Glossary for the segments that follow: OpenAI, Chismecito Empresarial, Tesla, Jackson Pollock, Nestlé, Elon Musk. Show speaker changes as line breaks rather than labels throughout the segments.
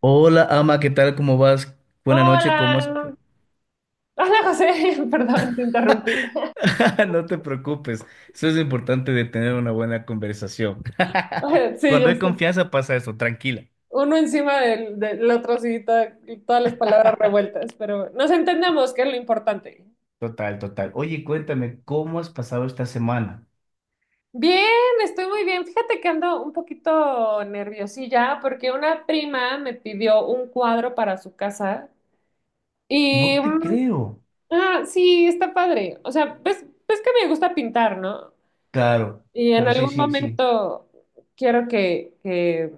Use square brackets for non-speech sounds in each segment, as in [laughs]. Hola, ama, ¿qué tal? ¿Cómo vas? Buena noche, ¿cómo has...
Hola, hola José, [laughs] perdón, te interrumpí. [laughs]
[laughs] No te preocupes, eso es lo importante de tener una buena conversación. [laughs]
Sí,
Cuando
ya
hay
sé.
confianza pasa eso, tranquila.
Uno encima del otro, sí, todas las palabras
[laughs]
revueltas, pero nos entendemos, que es lo importante.
Total, total. Oye, cuéntame, ¿cómo has pasado esta semana?
Bien, estoy muy bien. Fíjate que ando un poquito nerviosilla porque una prima me pidió un cuadro para su casa y,
No te creo.
ah, sí, está padre. O sea, ves que me gusta pintar, ¿no?
Claro,
Y en
claro, sí,
algún
sí, sí.
momento quiero que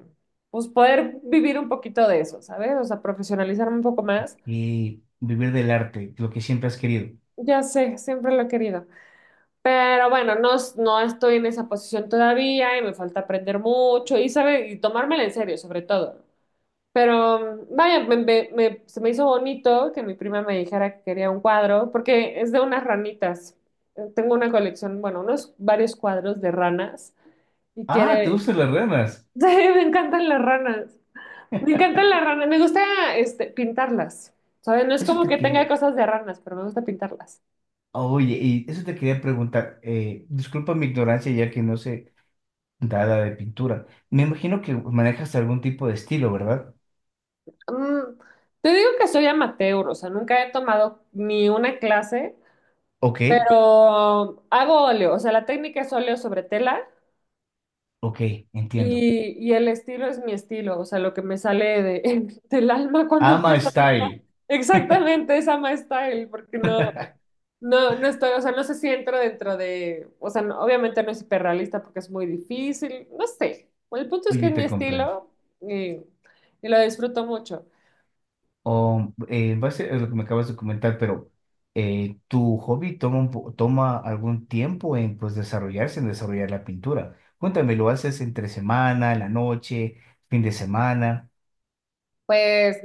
pues poder vivir un poquito de eso, ¿sabes? O sea, profesionalizarme un poco más.
Y vivir del arte, lo que siempre has querido.
Ya sé, siempre lo he querido. Pero bueno, no, no estoy en esa posición todavía y me falta aprender mucho y, sabe, y tomármela en serio, sobre todo. Pero vaya, se me hizo bonito que mi prima me dijera que quería un cuadro, porque es de unas ranitas. Tengo una colección, bueno, unos varios cuadros de ranas y
Ah, ¿te
quiere... [laughs]
gustan las ranas?
Sí, me encantan las ranas. Me encantan las ranas, me gusta pintarlas. ¿Saben? No es
Eso
como
te
que tenga
quería...
cosas de ranas, pero me gusta pintarlas.
Oye, y eso te quería preguntar. Disculpa mi ignorancia, ya que no sé dada de pintura. Me imagino que manejas algún tipo de estilo, ¿verdad?
Mm, Te digo que soy amateur, o sea, nunca he tomado ni una clase,
Ok,
pero hago óleo, o sea, la técnica es óleo sobre tela
ok, entiendo.
y el estilo es mi estilo, o sea, lo que me sale de, [laughs] del alma cuando
Ama
empiezo a pintar.
Style.
Exactamente, esa my style, porque no. No, no estoy, o sea, no sé si entro dentro de, o sea, obviamente no es hiperrealista porque es muy difícil, no sé. Bueno, el punto es que
Oye,
es mi
te comprendo.
estilo y, y lo disfruto mucho.
En base a lo que me acabas de comentar, pero tu hobby toma, toma algún tiempo en, pues, desarrollarse, en desarrollar la pintura. Cuéntame, ¿lo haces entre semana, en la noche, fin de semana?
Pues,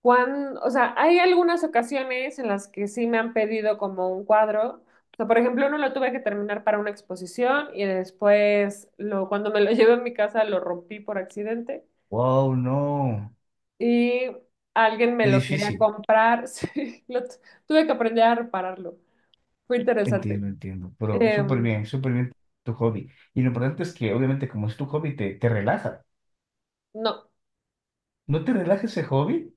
cuando, o sea, hay algunas ocasiones en las que sí me han pedido como un cuadro. O sea, por ejemplo, uno lo tuve que terminar para una exposición y después, cuando me lo [laughs] llevé a mi casa, lo rompí por accidente
Wow, no,
y alguien me
qué
lo quería
difícil.
comprar. [laughs] Sí, lo tuve que aprender a repararlo. Fue interesante.
Entiendo, entiendo, pero
Eh,
súper bien tu hobby. Y lo importante es que obviamente como es tu hobby, te relaja.
no,
¿No te relaja ese hobby?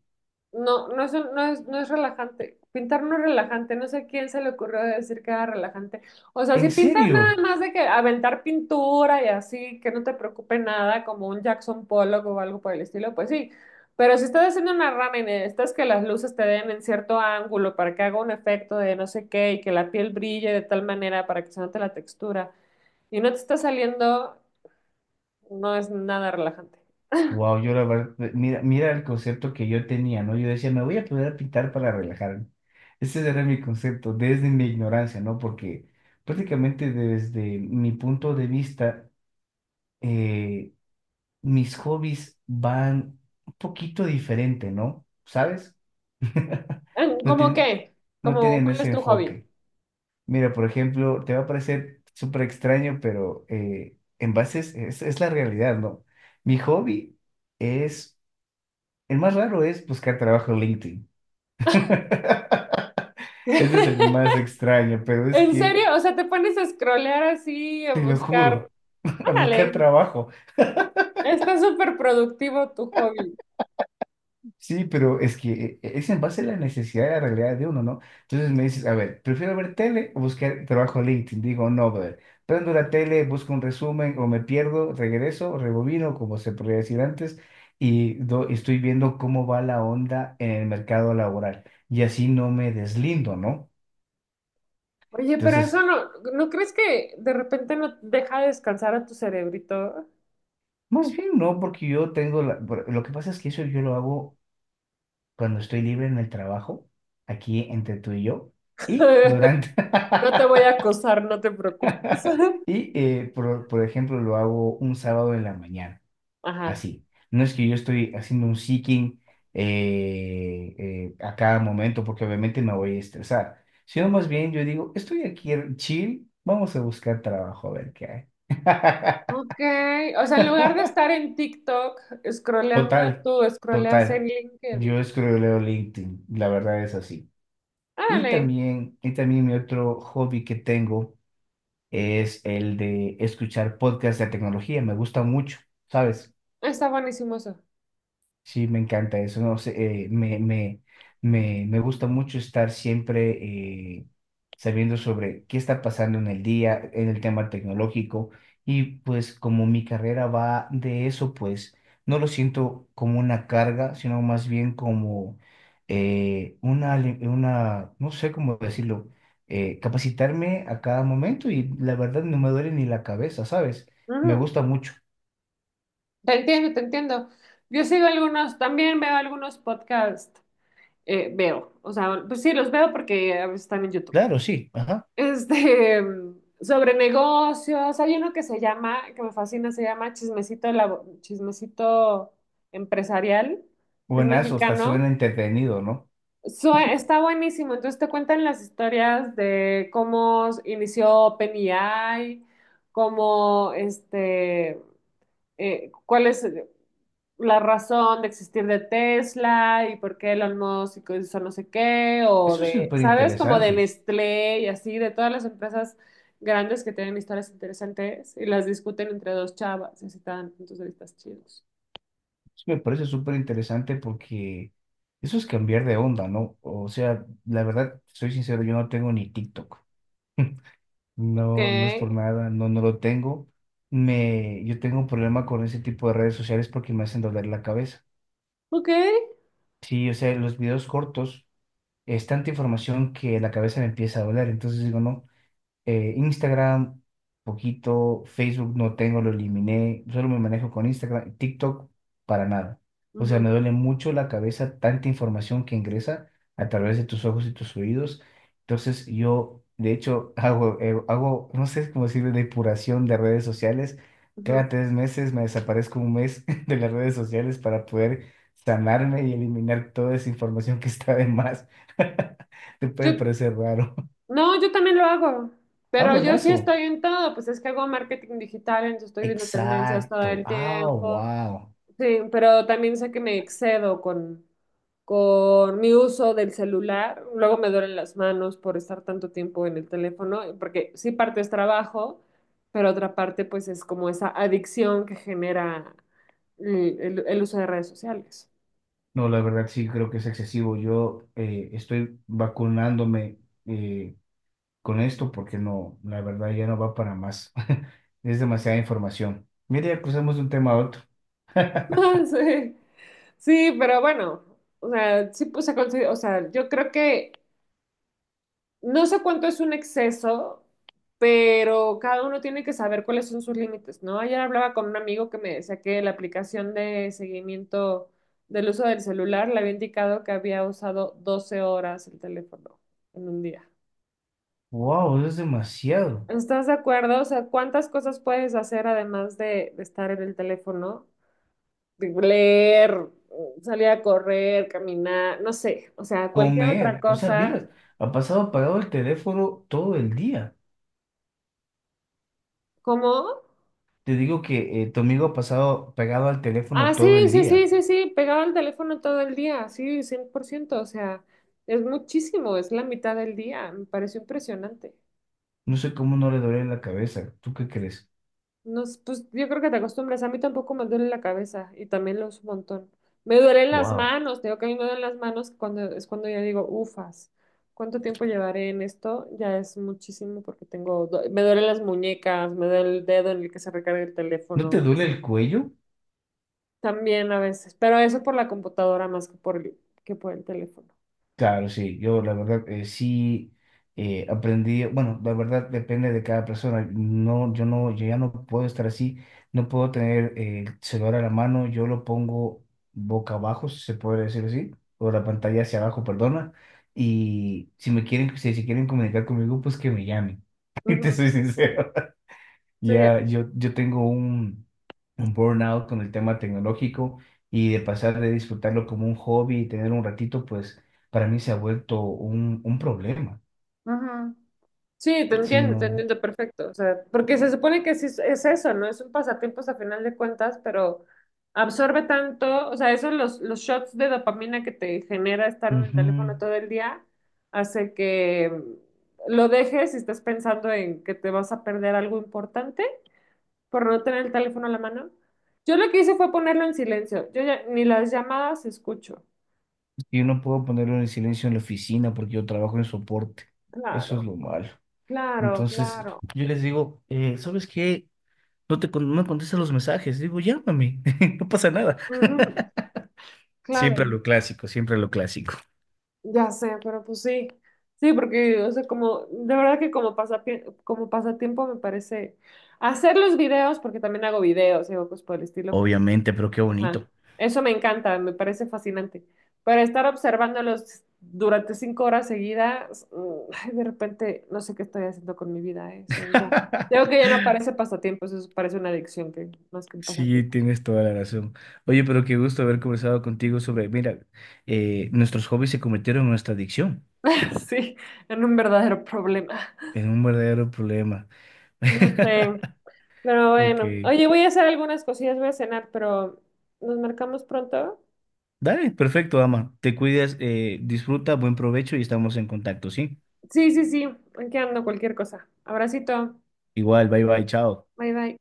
no, no es, un- no es, no es relajante. Pintar no es relajante. No sé a quién se le ocurrió decir que era relajante. O sea, si
¿En
pintas nada
serio?
más de que aventar pintura y así, que no te preocupe nada, como un Jackson Pollock o algo por el estilo, pues sí. Pero si estás haciendo una rana y necesitas que las luces te den en cierto ángulo para que haga un efecto de no sé qué y que la piel brille de tal manera para que se note la textura y no te está saliendo, no es nada relajante.
Wow, yo la verdad, mira, mira el concepto que yo tenía, ¿no? Yo decía, me voy a poder a pintar para relajarme. Ese era mi concepto, desde mi ignorancia, ¿no? Porque prácticamente desde mi punto de vista, eh, mis hobbies van un poquito diferente, ¿no? ¿Sabes? [laughs] No
¿Cómo
tiene,
qué?
no
¿Cómo
tienen
cuál es
ese
tu hobby?
enfoque. Mira, por ejemplo, te va a parecer súper extraño, pero en bases es la realidad, ¿no? Mi hobby es, el más raro es buscar trabajo en LinkedIn. [laughs] Ese es el más
[laughs]
extraño, pero es
¿En
que,
serio? O sea, te pones a scrollear así, a
te lo
buscar.
juro, [laughs] a buscar
Órale,
trabajo.
está súper productivo tu hobby.
Sí, pero es que es en base a la necesidad de la realidad de uno, ¿no? Entonces me dices, a ver, prefiero ver tele o buscar trabajo en LinkedIn. Digo, no, brother. Prendo la tele, busco un resumen o me pierdo, regreso, rebobino, como se podría decir antes, y estoy viendo cómo va la onda en el mercado laboral. Y así no me deslindo, ¿no?
Oye, pero eso
Entonces,
no, ¿no crees que de repente no deja descansar a tu cerebrito?
más bien no, porque yo tengo la... Lo que pasa es que eso yo lo hago cuando estoy libre en el trabajo, aquí entre tú y yo, y
[laughs]
durante...
No te voy
[laughs]
a acosar, no te preocupes.
[laughs]
[laughs]
Y, por ejemplo, lo hago un sábado en la mañana,
Ajá.
así. No es que yo estoy haciendo un seeking a cada momento, porque obviamente me voy a estresar, sino más
Mm.
bien yo digo, estoy aquí chill, vamos a buscar trabajo a ver qué hay. [laughs]
Ok, o sea, en lugar de estar en TikTok scrolleando,
Total,
tú scrolleas en
total.
LinkedIn.
Yo escroleo LinkedIn, la verdad es así.
Órale,
Y también mi otro hobby que tengo es el de escuchar podcasts de tecnología, me gusta mucho, ¿sabes?
está buenísimo eso.
Sí, me encanta eso, no sé, me gusta mucho estar siempre eh, sabiendo sobre qué está pasando en el día, en el tema tecnológico, y pues como mi carrera va de eso, pues no lo siento como una carga, sino más bien como no sé cómo decirlo, capacitarme a cada momento y la verdad no me duele ni la cabeza, ¿sabes? Me
Ujú.
gusta mucho.
Te entiendo, te entiendo. Yo sigo algunos, también veo algunos podcasts, veo, o sea, pues sí, los veo porque a veces están en YouTube. [laughs]
Claro, sí, ajá.
Sobre negocios, hay uno que se llama, que me fascina, se llama Chismecito, Chismecito Empresarial, que es
Buenazo, hasta
mexicano.
suena entretenido, ¿no?
Está buenísimo, entonces te cuentan las historias de cómo inició OpenAI, cómo, este, cuál es... la razón de existir de Tesla y por qué Elon Musk hizo no sé qué, o
Eso es
de,
súper
¿sabes? Como de
interesante.
Nestlé y así, de todas las empresas grandes que tienen historias interesantes y las discuten entre dos chavas y así te dan puntos de vista chidos.
Eso me parece súper interesante porque eso es cambiar de onda, ¿no? O sea, la verdad, soy sincero, yo no tengo ni TikTok. [laughs]
Ok,
No, no es por nada, no, no lo tengo. Me, yo tengo un problema con ese tipo de redes sociales porque me hacen doler la cabeza.
ok.
Sí, o sea, los videos cortos es tanta información que la cabeza me empieza a doler. Entonces digo, no. Instagram, poquito, Facebook no tengo, lo eliminé, solo me manejo con Instagram, TikTok para nada. O sea,
Ujú,
me duele mucho la cabeza tanta información que ingresa a través de tus ojos y tus oídos. Entonces yo, de hecho, [laughs] hago, no sé cómo decirle, depuración de redes sociales.
ujú.
Cada tres meses me desaparezco un mes [laughs] de las redes sociales para poder sanarme y eliminar toda esa información que está de más. [laughs] Te puede
Yo,
parecer raro.
no, yo también lo hago,
Ah,
pero yo sí
buenazo.
estoy en todo, pues es que hago marketing digital, entonces estoy viendo tendencias todo
Exacto.
el
Ah,
tiempo.
wow.
Sí, pero también sé que me excedo con mi uso del celular. Luego me duelen las manos por estar tanto tiempo en el teléfono, porque sí parte es trabajo, pero otra parte pues es como esa adicción que genera el uso de redes sociales.
No, la verdad sí creo que es excesivo. Yo estoy vacunándome eh, con esto porque no, la verdad ya no va para más. [laughs] Es demasiada información. Mira, ya cruzamos de un tema a otro.
[laughs] Sí, sí, pero bueno, o sea, sí, pues, o sea, yo creo que no sé cuánto es un exceso, pero cada uno tiene que saber cuáles son sus límites, ¿no? Ayer hablaba con un amigo que me decía que la aplicación de seguimiento del uso del celular le había indicado que había usado 12 horas el teléfono en un día.
Wow, eso es demasiado.
¿Estás de acuerdo? O sea, ¿cuántas cosas puedes hacer además de estar en el teléfono? De leer, salir a correr, caminar, no sé, o sea, cualquier otra
Comer. O sea,
cosa.
mira, ha pasado apagado el teléfono todo el día.
¿Cómo?
Te digo que tu amigo ha pasado pegado al
Ah,
teléfono todo
sí,
el
sí, sí,
día.
sí, sí, pegado al teléfono todo el día, sí, 100%, o sea, es muchísimo, es la mitad del día, me pareció impresionante.
No sé cómo no le duele la cabeza. ¿Tú qué crees?
Pues yo creo que te acostumbras, a mí tampoco me duele la cabeza y también lo uso un montón. Me duelen las
Wow.
manos, te digo que a mí me duelen las manos cuando es cuando ya digo, ufas, ¿cuánto tiempo llevaré en esto? Ya es muchísimo porque me duelen las muñecas, me duele el dedo en el que se recarga el
¿No te
teléfono,
duele
sí.
el cuello?
También a veces, pero eso por la computadora más que por que por el teléfono.
Claro, sí, yo la verdad sí aprendí, bueno, la verdad depende de cada persona, no, yo ya no puedo estar así, no puedo tener el celular a la mano, yo lo pongo boca abajo, si se puede decir así, o la pantalla hacia abajo, perdona, y si me quieren, si se quieren comunicar conmigo, pues que me llamen, [laughs] te
Ujú,
soy sincero.
sí,
Ya, yo tengo un burnout con el tema tecnológico y de pasar de disfrutarlo como un hobby y tener un ratito, pues para mí se ha vuelto un problema.
ujú. Sí,
Sí,
te
no.
entiendo perfecto. O sea, porque se supone que sí es eso, ¿no? Es un pasatiempo a final de cuentas, pero absorbe tanto, o sea, esos los, shots de dopamina que te genera estar en el
Ujú.
teléfono todo el día, hace que lo dejes y estés pensando en que te vas a perder algo importante por no tener el teléfono a la mano. Yo lo que hice fue ponerlo en silencio. Yo ya ni las llamadas escucho.
Yo no puedo ponerlo en silencio en la oficina porque yo trabajo en soporte.
Claro,
Eso es lo malo.
claro,
Entonces,
claro.
yo les digo, ¿sabes qué? No me contestas los mensajes. Digo, llámame, [laughs] no pasa nada. [laughs]
Ujú,
Siempre
claro.
lo clásico, siempre lo clásico.
Ya sé, pero pues sí, sí, porque, o sea, como, de verdad que como como pasatiempo me parece hacer los videos, porque también hago videos, digo, pues por el estilo, porque,
Obviamente, pero qué
ajá,
bonito.
eso me encanta, me parece fascinante, pero estar observándolos durante 5 horas seguidas, mm, ay, de repente no sé qué estoy haciendo con mi vida, ¿eh? Eso ya, creo que ya no
[laughs]
parece pasatiempo, eso parece una adicción que, más que un
Sí,
pasatiempo.
tienes toda la razón. Oye, pero qué gusto haber conversado contigo sobre, mira, nuestros hobbies se convirtieron en nuestra adicción,
[laughs] Sí, en un verdadero problema.
en un verdadero problema.
Ya sé.
[laughs]
Pero
Ok.
bueno, oye, voy a hacer algunas cosillas, voy a cenar, pero nos marcamos pronto.
Dale, perfecto, ama. Te cuidas, disfruta, buen provecho y estamos en contacto, ¿sí?
Sí, sí, sí, aquí ando cualquier cosa. Abracito,
Igual, bye bye, chao.
bye bye.